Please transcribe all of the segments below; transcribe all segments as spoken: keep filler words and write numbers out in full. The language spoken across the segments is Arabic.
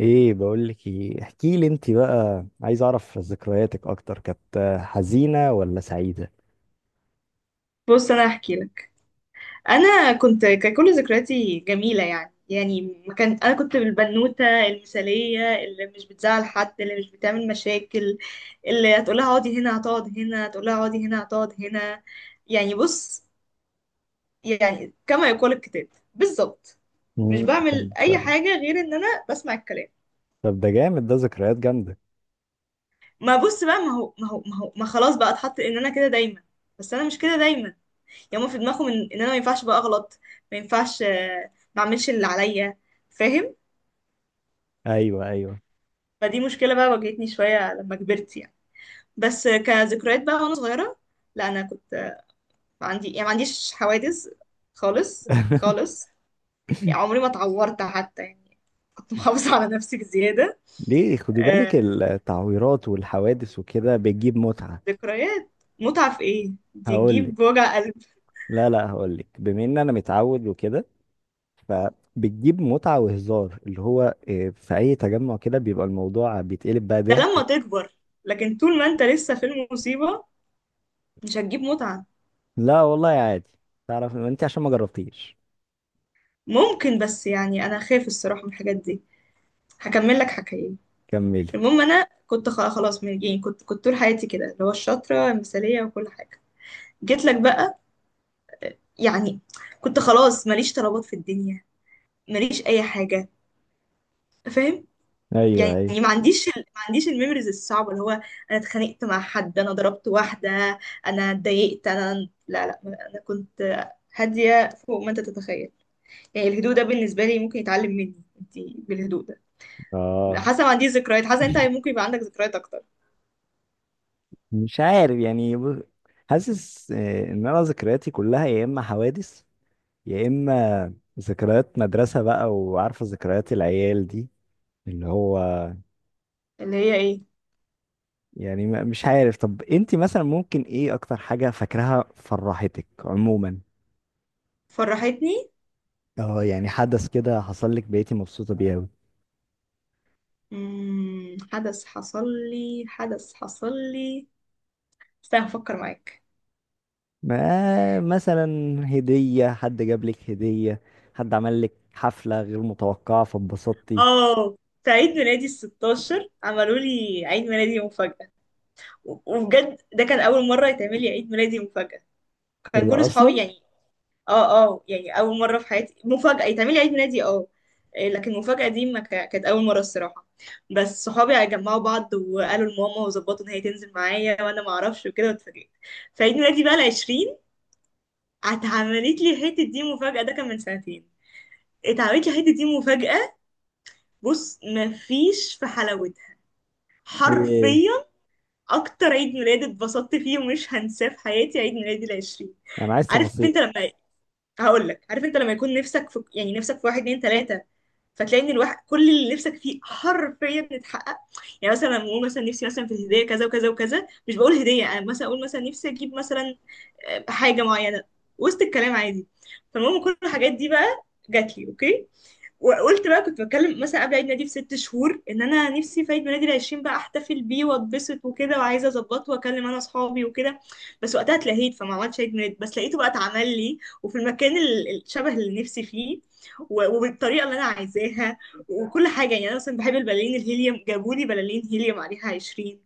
ايه بقول لك ايه؟ احكي لي انت بقى، عايز اعرف ذكرياتك اكتر، كانت حزينة ولا سعيدة؟ بص، انا هحكي لك. انا كنت كان كل ذكرياتي جميله، يعني يعني ما كان انا كنت البنوته المثاليه، اللي مش بتزعل حد، اللي مش بتعمل مشاكل، اللي هتقولها اقعدي هنا هتقعد هنا، هتقولها اقعدي هنا هتقعد هنا. يعني بص، يعني كما يقول الكتاب بالظبط. مش مم، بعمل اي طب، حاجه غير ان انا بسمع الكلام. طب ده جامد، ده ذكريات جامدة. ما بص بقى، ما هو ما هو ما هو ما خلاص بقى اتحط ان انا كده دايما، بس انا مش كده دايما. يعني هما في دماغهم ان إن انا ما ينفعش بقى اغلط، ما ينفعش، آه، ما اعملش اللي عليا، فاهم؟ ايوه، ايوه. فدي مشكله بقى واجهتني شويه لما كبرت يعني. بس آه، كذكريات بقى وانا صغيره، لا انا كنت، آه، عندي يعني ما عنديش حوادث خالص خالص. يعني عمري ما اتعورت حتى يعني، كنت محافظه على نفسي بزياده. ليه؟ خدي بالك، آه، التعويرات والحوادث وكده بتجيب متعة. ذكريات؟ متعه في ايه دي؟ هقول لك، تجيب وجع قلب. لا لا، هقول لك بما ان انا متعود وكده، فبتجيب متعة وهزار اللي هو إيه، في اي تجمع كده بيبقى الموضوع بيتقلب بقى ده ضحك. لما تكبر، لكن طول ما انت لسه في المصيبه مش هتجيب متعه. لا والله، عادي. تعرف انت عشان ما جربتيش. ممكن، بس يعني انا خايف الصراحه من الحاجات دي. هكمل لك حكايه. كملي. المهم انا كنت خ- خلاص من يعني كنت كنت طول حياتي كده اللي هو الشاطره المثاليه وكل حاجه. جيت لك بقى يعني، كنت خلاص ماليش طلبات في الدنيا، ماليش اي حاجه، فاهم؟ ايوه، يعني ايوه. ما عنديش ال- ما عنديش الميموريز الصعبه، اللي هو انا اتخانقت مع حد، انا ضربت واحده، انا اتضايقت، انا لا لا. انا كنت هاديه فوق ما انت تتخيل. يعني الهدوء ده بالنسبه لي ممكن يتعلم مني انت، بالهدوء ده. اه. حاسه ما عنديش ذكريات، حاسه انت ممكن يبقى عندك ذكريات اكتر. مش عارف يعني ب- حاسس آه، ان انا ذكرياتي كلها، يا اما حوادث، يا اما ذكريات مدرسة بقى، وعارفة ذكريات العيال دي اللي هو اللي هي ايه؟ يعني ما- مش عارف. طب انت مثلا ممكن ايه اكتر حاجة فاكراها، فرحتك عموما؟ فرحتني؟ اه يعني حدث كده حصل لك بقيتي مبسوطة بيه اوي؟ مم... حدث حصل لي، حدث حصل لي. استنى هفكر معاك. ما مثلا هدية، حد جاب لك هدية، حد عمل لك حفلة غير متوقعة فاتبسطتي؟ اه، في عيد ميلادي الستاشر عملوا لي عيد ميلادي مفاجأة. و- وبجد ده كان أول مرة يتعمل لي عيد ميلادي مفاجأة. كان كده كل صحابي اصلا. يعني، اه اه، يعني اول مره في حياتي مفاجاه يتعملي عيد ميلادي، اه. إيه، لكن المفاجاه دي ما كا- كانت اول مره الصراحه. بس صحابي جمعوا بعض وقالوا لماما وظبطوا ان هي تنزل معايا وانا ما اعرفش وكده واتفاجئت. في عيد ميلادي بقى العشرين اتعملت لي حته دي مفاجاه، ده كان من سنتين. اتعملت لي حته دي مفاجاه. بص، ما فيش في حلاوتها ايه؟ حرفيا. اكتر عيد ميلاد اتبسطت فيه ومش هنساه في حياتي، عيد ميلادي العشرين. انا عايز عارف انت تفاصيل. لما هقول لك، عارف انت لما يكون نفسك في، يعني نفسك في واحد اتنين تلاته، فتلاقي ان الواحد كل اللي نفسك فيه حرفيا اتحقق. يعني مثلا لما اقول مثلا نفسي مثلا في هديه كذا وكذا وكذا، مش بقول هديه، انا مثلا اقول مثلا نفسي اجيب مثلا آه، حاجه معينه وسط الكلام عادي. فالمهم كل الحاجات دي بقى جات لي، اوكي؟ وقلت بقى، كنت بتكلم مثلا قبل عيد ميلادي بست شهور ان انا نفسي في عيد ميلادي العشرين بقى احتفل بيه واتبسط وكده، وعايزه اظبطه واكلم انا اصحابي وكده، بس وقتها اتلهيت فما عملتش عيد ميلاد. بس لقيته بقى اتعمل لي، وفي المكان ال- الشبه اللي نفسي فيه، و- وبالطريقه اللي انا عايزاها وكل حاجه. يعني انا مثلا بحب البلالين الهيليوم، جابوا لي بلالين هيليوم عليها عشرين.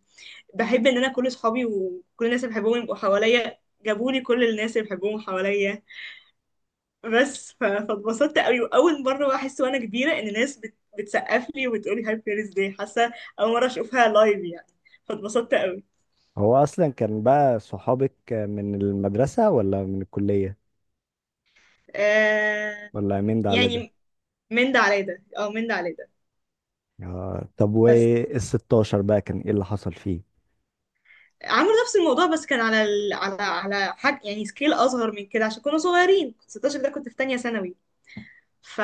بحب ان انا كل اصحابي وكل الناس اللي بحبهم يبقوا حواليا، جابوا لي كل الناس اللي بحبهم حواليا. بس ف- فاتبسطت قوي. واول مره بقى احس وانا كبيره ان ناس بت... بتسقف لي وبتقول لي هابي بيرث داي، حاسه اول مره اشوفها لايف يعني. فاتبسطت قوي. هو اصلا كان بقى صحابك من المدرسة ولا من الكلية؟ آه... ولا من ده على ده؟ يعني من ده على ده، اه من ده على ده. آه، طب بس وال ستاشر بقى كان ايه اللي حصل فيه؟ عملوا نفس الموضوع، بس كان على ال... على على حاجه يعني سكيل اصغر من كده عشان كنا صغيرين. ستاشر ده كنت في تانية ثانوي. ف...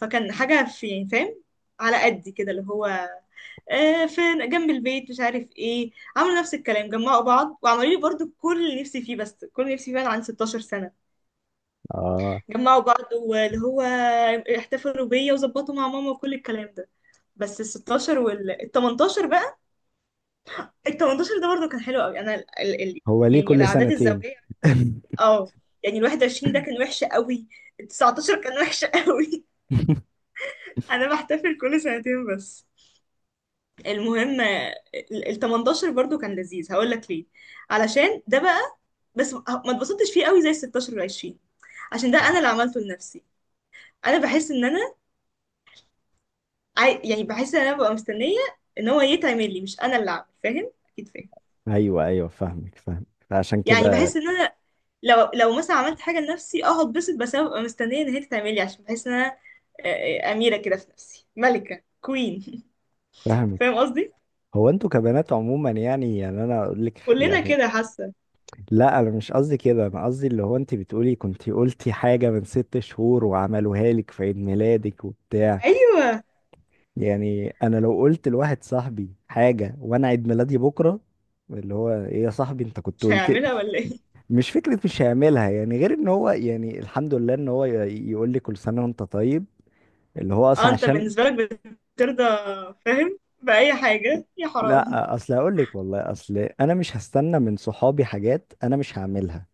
فكان حاجه في، يعني فاهم، على قدي كده اللي هو آه، فين جنب البيت مش عارف ايه. عملوا نفس الكلام، جمعوا بعض وعملوا لي برضو كل اللي نفسي فيه، بس كل اللي نفسي فيه انا عن 16 سنة. اه. جمعوا بعض، واللي هو احتفلوا بيا وظبطوا مع ماما وكل الكلام ده. بس ال ستاشر وال ال تمنتاشر بقى، ال تمانية عشر ده برضو كان حلو قوي. انا ال... ال... ال... هو ليه يعني كل الاعداد سنتين؟ الزوجية. اه، يعني ال واحد وعشرين ده كان وحش قوي، ال تسعتاشر كان وحش قوي. انا بحتفل كل سنتين بس. المهم ال ال تمنتاشر برضو كان لذيذ، هقول لك ليه. علشان ده بقى، بس ما ما اتبسطتش فيه قوي زي ال ستاشر وال عشرين عشان ده انا اللي عملته لنفسي. انا بحس ان انا عاي... يعني بحس ان انا ببقى مستنيه ان هو يتعمل لي، مش انا اللي اعمل. فاهم؟ اكيد فاهم. ايوه، ايوه، فاهمك فاهمك، فعشان يعني كده. بحس ان انا لو لو مثلا عملت حاجه لنفسي اه هتبسط، بس انا ببقى مستنيه ان هي تتعمل لي، عشان بحس ان انا آه، آه، اميره كده في نفسي، ملكه كوين. فاهمك. فاهم قصدي؟ هو انتوا كبنات عموما يعني، يعني انا اقول لك ح- كلنا يعني، كده حاسه. لا انا مش قصدي كده، انا قصدي اللي هو انت بتقولي كنت قلتي حاجه من ست شهور وعملوها لك في عيد ميلادك وبتاع. ايوه، يعني انا لو قلت لواحد صاحبي حاجه وانا عيد ميلادي بكره، اللي هو ايه يا صاحبي انت كنت مش قلت، هيعملها ولا ايه؟ مش فكره مش هيعملها. يعني غير ان هو، يعني الحمد لله، ان هو ي- يقول لي كل سنه وانت طيب. اللي هو اه اصلا انت عشان بالنسبة لك بترضى فاهم بأي حاجة، يا حرام. لا، اصل هقول لك والله، اصل انا مش هستنى من صحابي حاجات انا مش هعملها.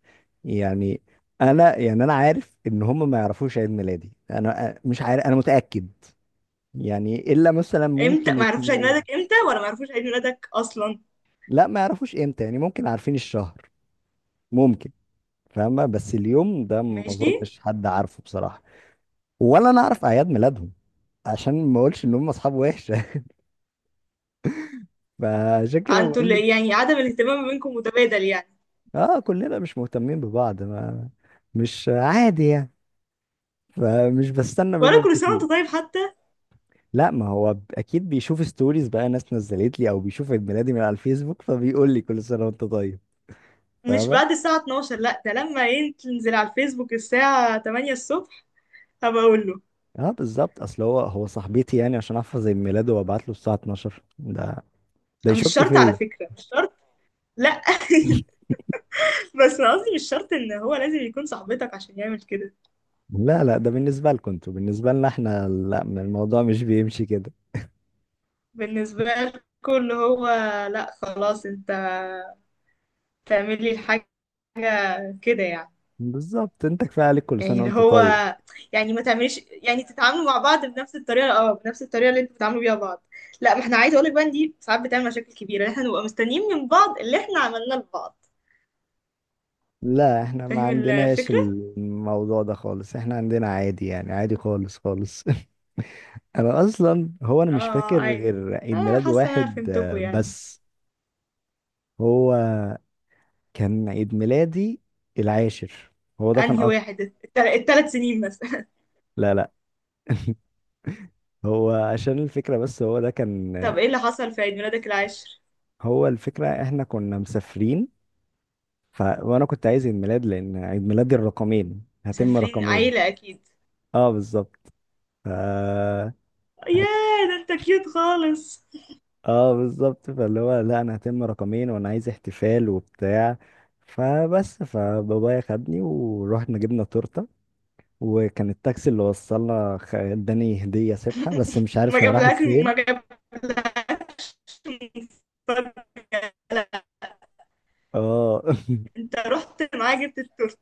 يعني، انا يعني انا عارف ان هم ما يعرفوش عيد ميلادي. انا أ- مش عارف، انا متاكد يعني الا مثلا امتى ممكن ما عرفوش عيد اتنين. ميلادك؟ امتى ولا ما عرفوش عيد ميلادك اصلا؟ لا، ما يعرفوش امتى، يعني ممكن عارفين الشهر. ممكن. فاهمة؟ بس اليوم ده ما ماشي. اظنش حد عارفه بصراحة. ولا انا اعرف اعياد ميلادهم، عشان ما اقولش ان هم اصحاب وحشة. فعشان كده انتوا بقول لك. اللي يعني عدم الاهتمام ما بينكم متبادل يعني. اه كلنا مش مهتمين ببعض، ما مش عادي يعني، فمش بستنى ولا منهم كل سنة كتير. وانت طيب حتى؟ لا، ما هو ب- اكيد بيشوف ستوريز بقى ناس نزلت لي، او بيشوف عيد ميلادي من على الفيسبوك، فبيقول لي كل سنة وانت طيب. مش فاهمة. بعد الساعة اتناشر، لا، ده لما ايه تنزل على الفيسبوك الساعة تمنية الصبح هبقى اقول له. اه بالظبط، اصل هو هو صاحبتي، يعني عشان احفظ عيد ميلاده وابعت له الساعة الثانية عشر، ده ده مش يشك شرط على فيا. فكرة، مش شرط. لا. بس انا قصدي مش شرط ان هو لازم يكون صاحبتك عشان يعمل كده. لا لا، ده بالنسبة لكم انتوا، بالنسبة لنا احنا لا، من الموضوع مش بيمشي كده. بالنسبة لكم اللي هو، لا خلاص، انت تعملي الحاجة كده يعني. بالظبط، انت كفاية عليك كل يعني سنة اللي وانت هو طيب. يعني ما تعمليش يعني، تتعاملوا مع بعض بنفس الطريقه، اه، بنفس الطريقه اللي انتوا بتتعاملوا بيها بعض. لا، ما احنا عايزه اقول لك بقى إن دي ساعات بتعمل مشاكل كبيره، احنا نبقى مستنيين من بعض اللي احنا عملناه لبعض. لا احنا ما فاهم عندناش الفكره؟ الموضوع ده خالص، احنا عندنا عادي يعني، عادي خالص خالص. انا اصلا، هو انا مش اه فاكر عادي. غير عيد اه ميلاد حاسه إن انا واحد فهمتكوا آه، يعني. بس. هو كان عيد ميلادي العاشر، هو ده كان انهي اكتر. واحد؟ التل... التلات سنين مثلا؟ لا لا، هو عشان الفكرة بس، هو ده كان. طب ايه اللي حصل في عيد ميلادك العاشر؟ هو الفكرة احنا كنا مسافرين، ف... وانا كنت عايز عيد ميلاد لان عيد ميلادي الرقمين، هتم مسافرين رقمين. عيله اكيد. اه بالظبط. ف هت... ياه، ده انت كيوت خالص. اه بالظبط، فاللي هو لا انا هتم رقمين وانا عايز احتفال وبتاع، فبس فبابايا خدني ورحنا جبنا تورته. وكان التاكسي اللي وصلنا خ- اداني هديه سبحه، بس مش ما عارف هي راحت جابلك فين. ما جابلكش مفاجأة. اه. انت رحت معاه جبت التورته؟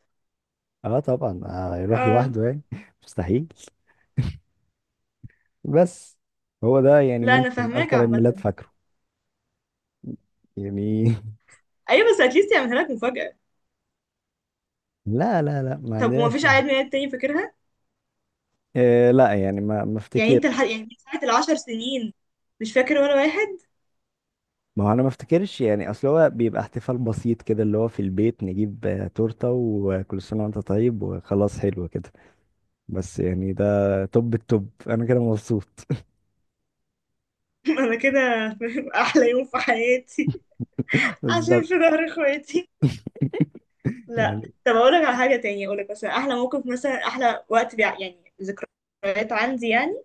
اه طبعا، آه، يروح اه. لوحده يعني، مستحيل. بس هو ده يعني لا انا ممكن فاهماك اكتر عيد ميلاد عامه. فاكره يعني. ايوه بس اتليست يعملها لك مفاجاه. لا لا لا، ما طب وما فيش عندناش. عيد ميلاد تاني فاكرها؟ إيه؟ لا يعني ما ما يعني انت لحد افتكرش. يعني من ساعه العشر سنين مش فاكر ولا واحد؟ ما هو انا ما افتكرش، يعني اصل هو بيبقى احتفال بسيط كده اللي هو في البيت، نجيب آه، تورته وكل سنه وانت طيب وخلاص، حلو كده. بس يعني ده توب التوب، انا كده مبسوط. انا كده فاهم، احلى يوم في حياتي عشان بالظبط في ظهر اخواتي. لا، يعني. طب اقول لك على حاجه تانية؟ اقول لك مثلا احلى موقف، مثلا احلى وقت، بيع يعني ذكريات عندي يعني.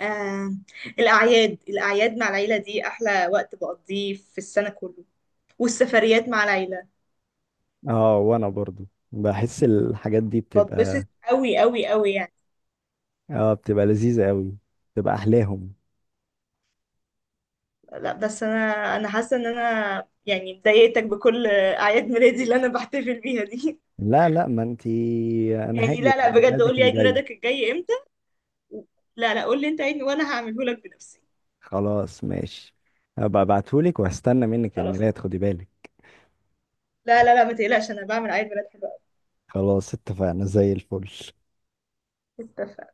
آه. الاعياد، الاعياد مع العيله دي احلى وقت بقضيه في السنه كله، والسفريات مع العيله. اه وانا برضو بحس الحاجات دي بتبسط بتبقى، قوي قوي قوي يعني. اه بتبقى لذيذه قوي، بتبقى احلاهم. لا بس انا، انا حاسه ان انا يعني مضايقتك بكل اعياد ميلادي اللي انا بحتفل بيها دي. لا لا، ما انتي. انا يعني هاجي لا لا عيد بجد، قول ميلادك لي عيد الجاي. ميلادك الجاي امتى. لا لا، قول لي انت عيد وانا هعمله لك بنفسي. خلاص ماشي، هبقى ابعتهولك وهستنى منك خلاص. الميلاد، خدي بالك. لا لا لا ما تقلقش، انا بعمل عيد ميلاد حلو خلاص اتفقنا زي الفل. قوي.